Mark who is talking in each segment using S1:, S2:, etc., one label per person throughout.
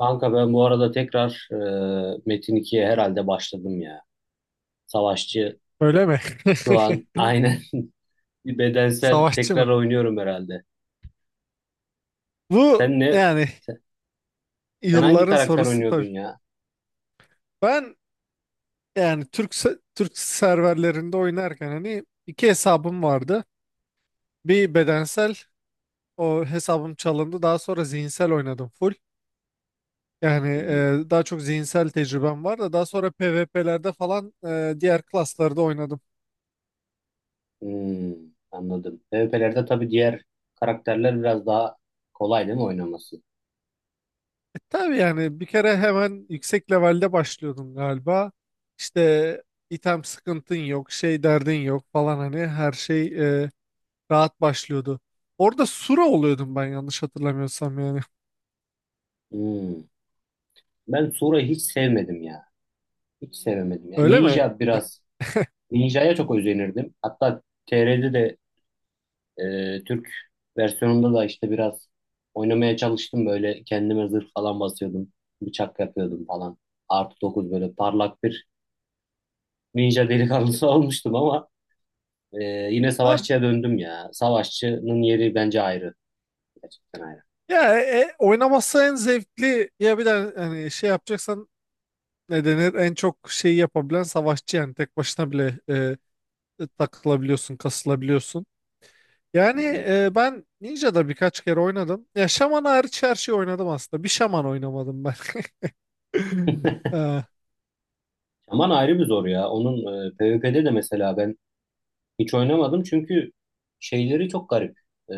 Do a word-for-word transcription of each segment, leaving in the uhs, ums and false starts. S1: Kanka ben bu arada tekrar e, Metin ikiye herhalde başladım ya. Savaşçı
S2: Öyle mi?
S1: şu an aynen bir bedensel
S2: Savaşçı
S1: tekrar
S2: mı?
S1: oynuyorum herhalde.
S2: Bu,
S1: Sen ne?
S2: yani
S1: Sen, sen hangi
S2: yılların
S1: karakter
S2: sorusu
S1: oynuyordun
S2: tabii.
S1: ya?
S2: Ben, yani Türk se- Türk serverlerinde oynarken hani iki hesabım vardı. Bir bedensel o hesabım çalındı. Daha sonra zihinsel oynadım full. Yani
S1: Hmm,
S2: e, daha çok zihinsel tecrübem var da daha sonra PvP'lerde falan e, diğer klaslarda oynadım.
S1: hmm, anladım. PvP'lerde tabii diğer karakterler biraz daha kolay değil mi oynaması?
S2: E, tabii yani bir kere hemen yüksek levelde başlıyordun galiba. İşte item sıkıntın yok, şey derdin yok falan hani her şey e, rahat başlıyordu. Orada Sura oluyordum ben yanlış hatırlamıyorsam yani.
S1: Hmm. Ben Sura'yı hiç sevmedim ya. Hiç sevemedim ya.
S2: Öyle mi?
S1: Ninja biraz. Ninja'ya çok özenirdim. Hatta T R'de de Ee, Türk versiyonunda da işte biraz oynamaya çalıştım böyle kendime zırh falan basıyordum. Bıçak yapıyordum falan. Artı dokuz böyle parlak bir ninja delikanlısı olmuştum ama e, yine
S2: Abi,
S1: savaşçıya döndüm ya. Savaşçının yeri bence ayrı. Gerçekten ayrı.
S2: ya e, e, oynaması en zevkli ya, bir de hani şey yapacaksan ne denir en çok şeyi yapabilen savaşçı yani, tek başına bile e, takılabiliyorsun, kasılabiliyorsun.
S1: Hı
S2: Yani
S1: hı.
S2: e, ben Ninja'da birkaç kere oynadım. Ya şaman hariç her şeyi oynadım aslında. Bir şaman oynamadım ben. Ha,
S1: Şaman ayrı bir zor ya. Onun e, PvP'de de mesela ben hiç oynamadım çünkü şeyleri çok garip. E,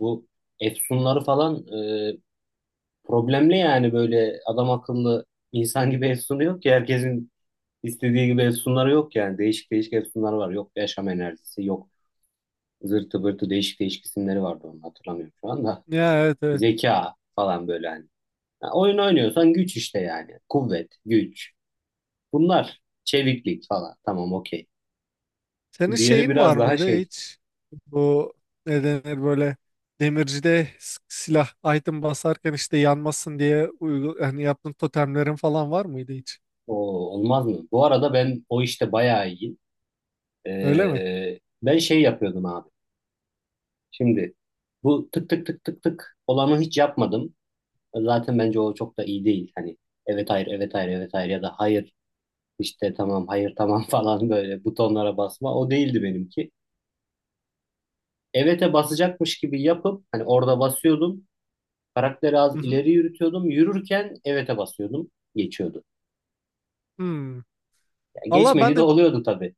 S1: Bu efsunları falan e, problemli yani böyle adam akıllı insan gibi ev yok ki herkesin İstediği gibi efsunlar yok yani. Değişik değişik efsunlar var. Yok yaşam enerjisi, yok zırtı pırtı değişik değişik isimleri vardı, onu hatırlamıyorum şu anda.
S2: ya, evet evet.
S1: Zeka falan böyle hani. Ya oyun oynuyorsan güç işte yani. Kuvvet, güç. Bunlar çeviklik falan. Tamam, okey.
S2: Senin
S1: Diğeri
S2: şeyin var
S1: biraz daha
S2: mıydı
S1: şey
S2: hiç? Bu ne denir böyle demircide s- silah item basarken işte yanmasın diye uygu yani yaptığın totemlerin falan var mıydı hiç?
S1: o, olmaz mı? Bu arada ben o işte bayağı iyiyim.
S2: Öyle mi?
S1: Ee, ben şey yapıyordum abi. Şimdi bu tık tık tık tık tık olanı hiç yapmadım. Zaten bence o çok da iyi değil. Hani evet hayır evet hayır evet hayır ya da hayır İşte tamam hayır tamam falan böyle butonlara basma. O değildi benimki. Evet'e basacakmış gibi yapıp hani orada basıyordum. Karakteri az
S2: Hı hı.
S1: ileri yürütüyordum. Yürürken evet'e basıyordum. Geçiyordu.
S2: Hmm.
S1: Ya
S2: Valla ben
S1: geçmediği de
S2: de bir
S1: oluyordu tabii.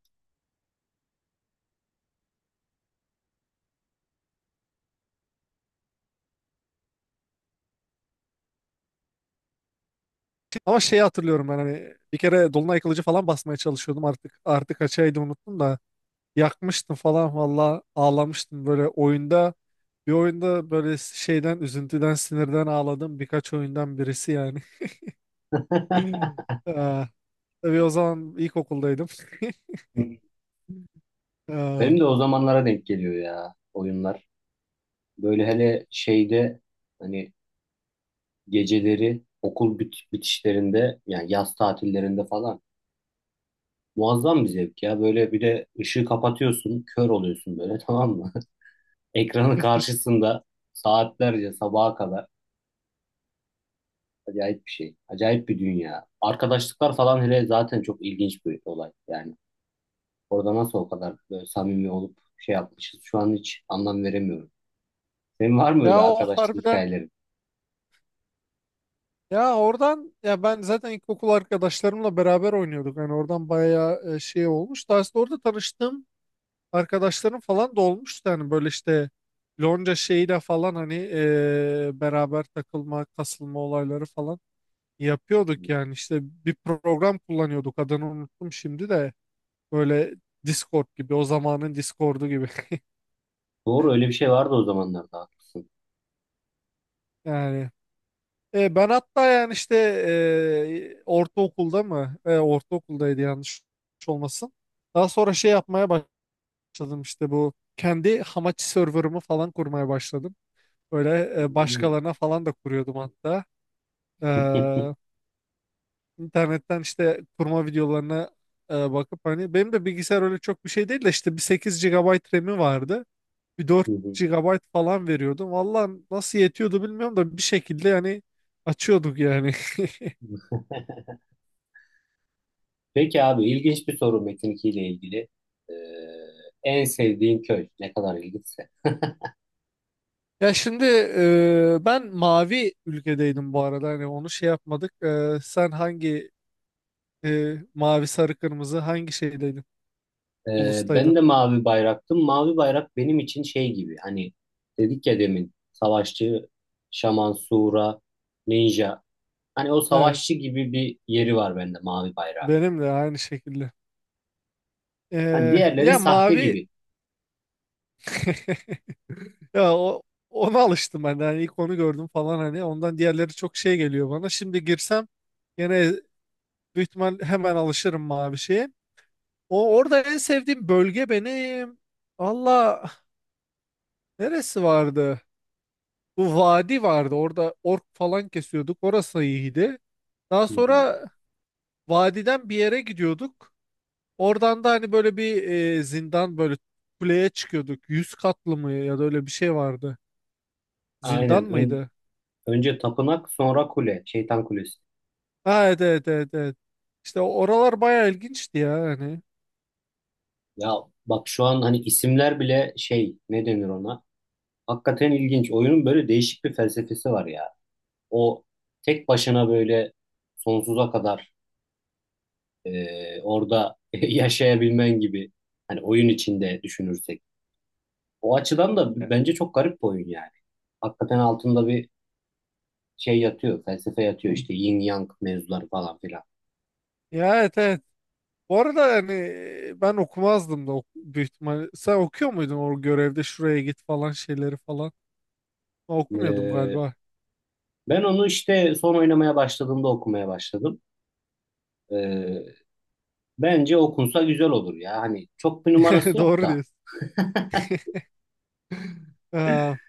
S2: şey- ama şeyi hatırlıyorum, ben hani bir kere dolunay kılıcı falan basmaya çalışıyordum, artık artık kaçaydı unuttum da yakmıştım falan, valla ağlamıştım böyle oyunda. Bir oyunda böyle şeyden, üzüntüden, sinirden ağladım birkaç oyundan birisi yani. Ee, tabii o zaman ilkokuldaydım. Ee,
S1: Benim de o zamanlara denk geliyor ya oyunlar. Böyle hele şeyde hani geceleri okul bit- bitişlerinde yani yaz tatillerinde falan muazzam bir zevk ya. Böyle bir de ışığı kapatıyorsun, kör oluyorsun böyle tamam mı? Ekranın karşısında saatlerce sabaha kadar acayip bir şey. Acayip bir dünya. Arkadaşlıklar falan hele zaten çok ilginç bir olay. Yani orada nasıl o kadar böyle samimi olup şey yapmışız şu an hiç anlam veremiyorum. Senin var mı
S2: Ya
S1: öyle
S2: o
S1: arkadaşlık
S2: harbiden,
S1: hikayelerin?
S2: ya oradan, ya ben zaten ilkokul arkadaşlarımla beraber oynuyorduk. Yani oradan bayağı e, şey olmuş. Daha sonra orada tanıştığım arkadaşlarım falan da olmuştu. Yani böyle işte Lonca şeyiyle falan hani e, beraber takılma, kasılma olayları falan yapıyorduk yani. İşte bir program kullanıyorduk, adını unuttum şimdi de, böyle Discord gibi, o zamanın Discord'u gibi.
S1: Doğru, öyle bir şey vardı o zamanlarda, haklısın.
S2: Yani e, ben hatta yani işte e, ortaokulda mı, e, ortaokuldaydı yanlış olmasın, daha sonra şey yapmaya başladım. İşte bu kendi Hamachi server'ımı falan kurmaya başladım, böyle e,
S1: Hmm.
S2: başkalarına falan da kuruyordum hatta. E, İnternetten işte kurma videolarına e, bakıp, hani benim de bilgisayar öyle çok bir şey değil de, işte bir sekiz G B RAM'i vardı. Bir
S1: Hı hı.
S2: dört G B falan veriyordum. Vallahi nasıl yetiyordu bilmiyorum da bir şekilde yani açıyorduk yani.
S1: Peki abi, ilginç bir soru Metin iki ile ilgili. Ee, en sevdiğin köy ne kadar ilginç.
S2: Ya şimdi e, ben mavi ülkedeydim bu arada, hani onu şey yapmadık. E, sen hangi e, mavi, sarı, kırmızı, hangi şeydeydin?
S1: Ee, ben
S2: Ulustaydın.
S1: de mavi bayraktım. Mavi bayrak benim için şey gibi hani, dedik ya demin savaşçı, şaman, sura, ninja. Hani o
S2: Evet.
S1: savaşçı gibi bir yeri var bende mavi bayrak.
S2: Benim de aynı şekilde.
S1: Hani
S2: E,
S1: diğerleri
S2: ya
S1: sahte
S2: mavi.
S1: gibi.
S2: Ya o, ona alıştım ben de. Hani ilk onu gördüm falan hani, ondan diğerleri çok şey geliyor bana. Şimdi girsem gene büyük ihtimal hemen alışırım mavi şeye. O orada en sevdiğim bölge benim. Valla neresi vardı? Bu vadi vardı. Orada ork falan kesiyorduk. Orası iyiydi. Daha
S1: Hı hı.
S2: sonra vadiden bir yere gidiyorduk. Oradan da hani böyle bir e, zindan, böyle kuleye çıkıyorduk. Yüz katlı mı ya da öyle bir şey vardı. Zindan
S1: Aynen. Ön-
S2: mıydı?
S1: önce tapınak, sonra kule. Şeytan kulesi.
S2: Ha, evet evet evet evet. İşte oralar bayağı ilginçti ya hani.
S1: Ya bak şu an hani isimler bile şey, ne denir ona? Hakikaten ilginç. Oyunun böyle değişik bir felsefesi var ya. O tek başına böyle sonsuza kadar e, orada yaşayabilmen gibi, hani oyun içinde düşünürsek. O açıdan da
S2: Ya,
S1: bence çok garip bir oyun yani. Hakikaten altında bir şey yatıyor, felsefe yatıyor işte yin yang mevzuları falan filan.
S2: ya, evet evet. Bu arada hani e, ben okumazdım da ok- büyük ihtimalle. Sen okuyor muydun o görevde şuraya git falan şeyleri falan? Ben okumuyordum
S1: E,
S2: galiba.
S1: Ben onu işte son oynamaya başladığımda okumaya başladım. E, Bence okunsa güzel olur ya. Hani çok bir numarası yok
S2: Doğru
S1: da,
S2: diyorsun. Ha.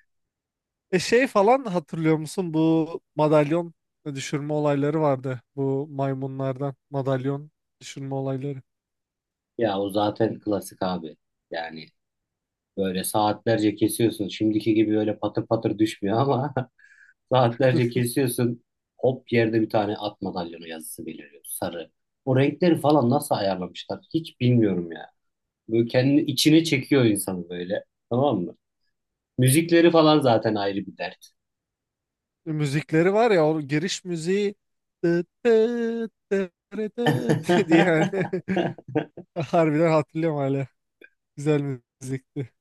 S2: E şey falan hatırlıyor musun? Bu madalyon düşürme olayları vardı. Bu maymunlardan madalyon düşürme olayları.
S1: ya o zaten klasik abi. Yani böyle saatlerce kesiyorsun. Şimdiki gibi öyle patır patır düşmüyor ama saatlerce kesiyorsun. Hop yerde bir tane at madalyonu yazısı beliriyor. Sarı. O renkleri falan nasıl ayarlamışlar hiç bilmiyorum ya. Böyle kendini içine çekiyor insanı böyle. Tamam mı? Müzikleri falan zaten ayrı bir dert.
S2: E, Müzikleri var ya, o giriş müziği tıt tıt tıt tıt diye yani. Harbiden hatırlıyorum hala. Güzel müzikti.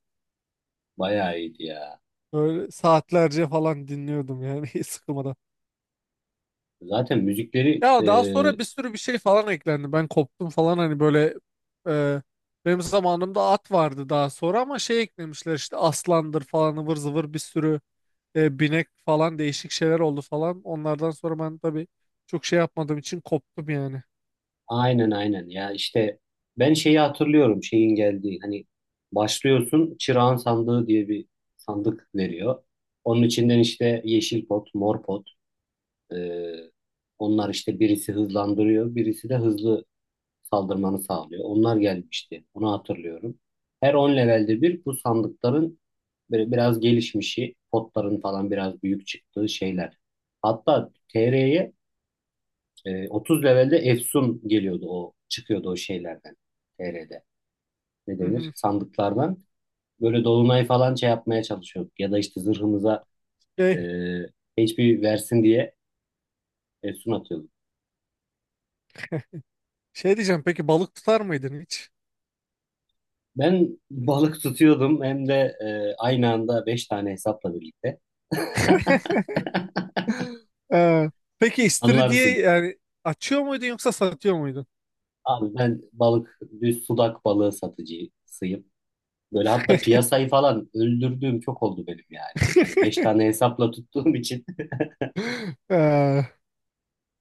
S1: Bayağı iyiydi ya.
S2: Böyle saatlerce falan dinliyordum yani hiç sıkılmadan.
S1: Zaten müzikleri
S2: Ya
S1: e,
S2: daha sonra bir sürü bir şey falan eklendi. Ben koptum falan hani, böyle e, benim zamanımda at vardı daha sonra, ama şey eklemişler işte aslandır falan, ıvır zıvır bir sürü e, binek falan, değişik şeyler oldu falan. Onlardan sonra ben tabii çok şey yapmadığım için koptum yani.
S1: aynen aynen ya işte, ben şeyi hatırlıyorum, şeyin geldiği, hani başlıyorsun, çırağan sandığı diye bir sandık veriyor. Onun içinden işte yeşil pot, mor pot, Ee, onlar işte birisi hızlandırıyor, birisi de hızlı saldırmanı sağlıyor. Onlar gelmişti. Onu hatırlıyorum. Her on levelde bir bu sandıkların böyle biraz gelişmişi, potların falan biraz büyük çıktığı şeyler. Hatta T R'ye e, otuz levelde Efsun geliyordu, o çıkıyordu o şeylerden T R'de. Ne
S2: Hı
S1: denir?
S2: hı.
S1: Sandıklardan. Böyle dolunay falan şey yapmaya çalışıyorduk. Ya da işte zırhımıza e,
S2: Şey,
S1: H P versin diye Efsun atıyorduk.
S2: Şey diyeceğim, peki balık tutar mıydın hiç?
S1: Ben balık tutuyordum, hem de e, aynı anda beş tane hesapla birlikte.
S2: Ee, peki istiridye,
S1: Anlarsın.
S2: yani açıyor muydun yoksa satıyor muydun?
S1: Abi ben balık, düz sudak balığı satıcısıyım. Böyle hatta piyasayı falan öldürdüğüm çok oldu benim yani. Hani beş tane hesapla tuttuğum için
S2: Ee,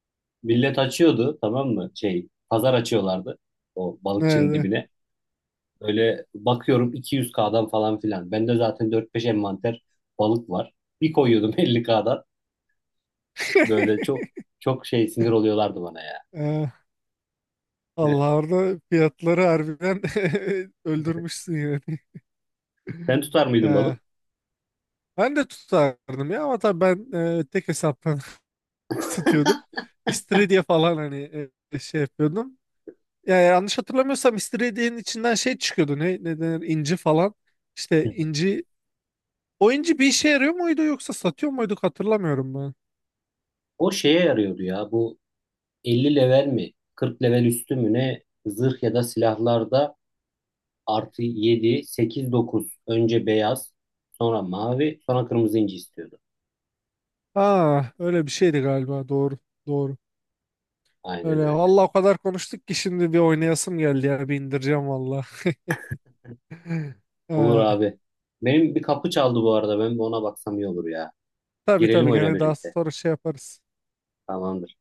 S1: millet açıyordu tamam mı? Şey, pazar açıyorlardı o balıkçının
S2: Nerede?
S1: dibine. Böyle bakıyorum iki yüz k'dan falan filan. Bende zaten dört beş envanter balık var. Bir koyuyordum elli kdan. Böyle çok çok şey, sinir oluyorlardı bana ya.
S2: Ee, Allah, orada fiyatları harbiden öldürmüşsün yani.
S1: Sen tutar mıydın
S2: Ee,
S1: balık?
S2: Ben de tutardım ya, ama tabii ben e, tek hesaptan tutuyordum. İstiridye falan hani e, şey yapıyordum. Yani yanlış hatırlamıyorsam istiridyenin içinden şey çıkıyordu. Ne, ne denir? İnci falan. İşte
S1: Hı hı.
S2: inci. O inci bir işe yarıyor muydu yoksa satıyor muyduk hatırlamıyorum ben.
S1: O şeye yarıyordu ya, bu elli level mi, kırk level üstü mü ne, zırh ya da silahlarda artı yedi, sekiz, dokuz, önce beyaz sonra mavi sonra kırmızı inci istiyordu.
S2: Aa, öyle bir şeydi galiba. Doğru. Doğru.
S1: Aynen
S2: Öyle.
S1: öyle.
S2: Vallahi o kadar konuştuk ki şimdi bir oynayasım geldi ya. Bir indireceğim valla.
S1: Olur
S2: Ee,
S1: abi. Benim bir kapı çaldı bu arada, ben bir ona baksam iyi olur ya.
S2: tabii
S1: Girelim
S2: tabii
S1: oyuna
S2: gene daha
S1: birlikte.
S2: sonra şey yaparız.
S1: Tamamdır.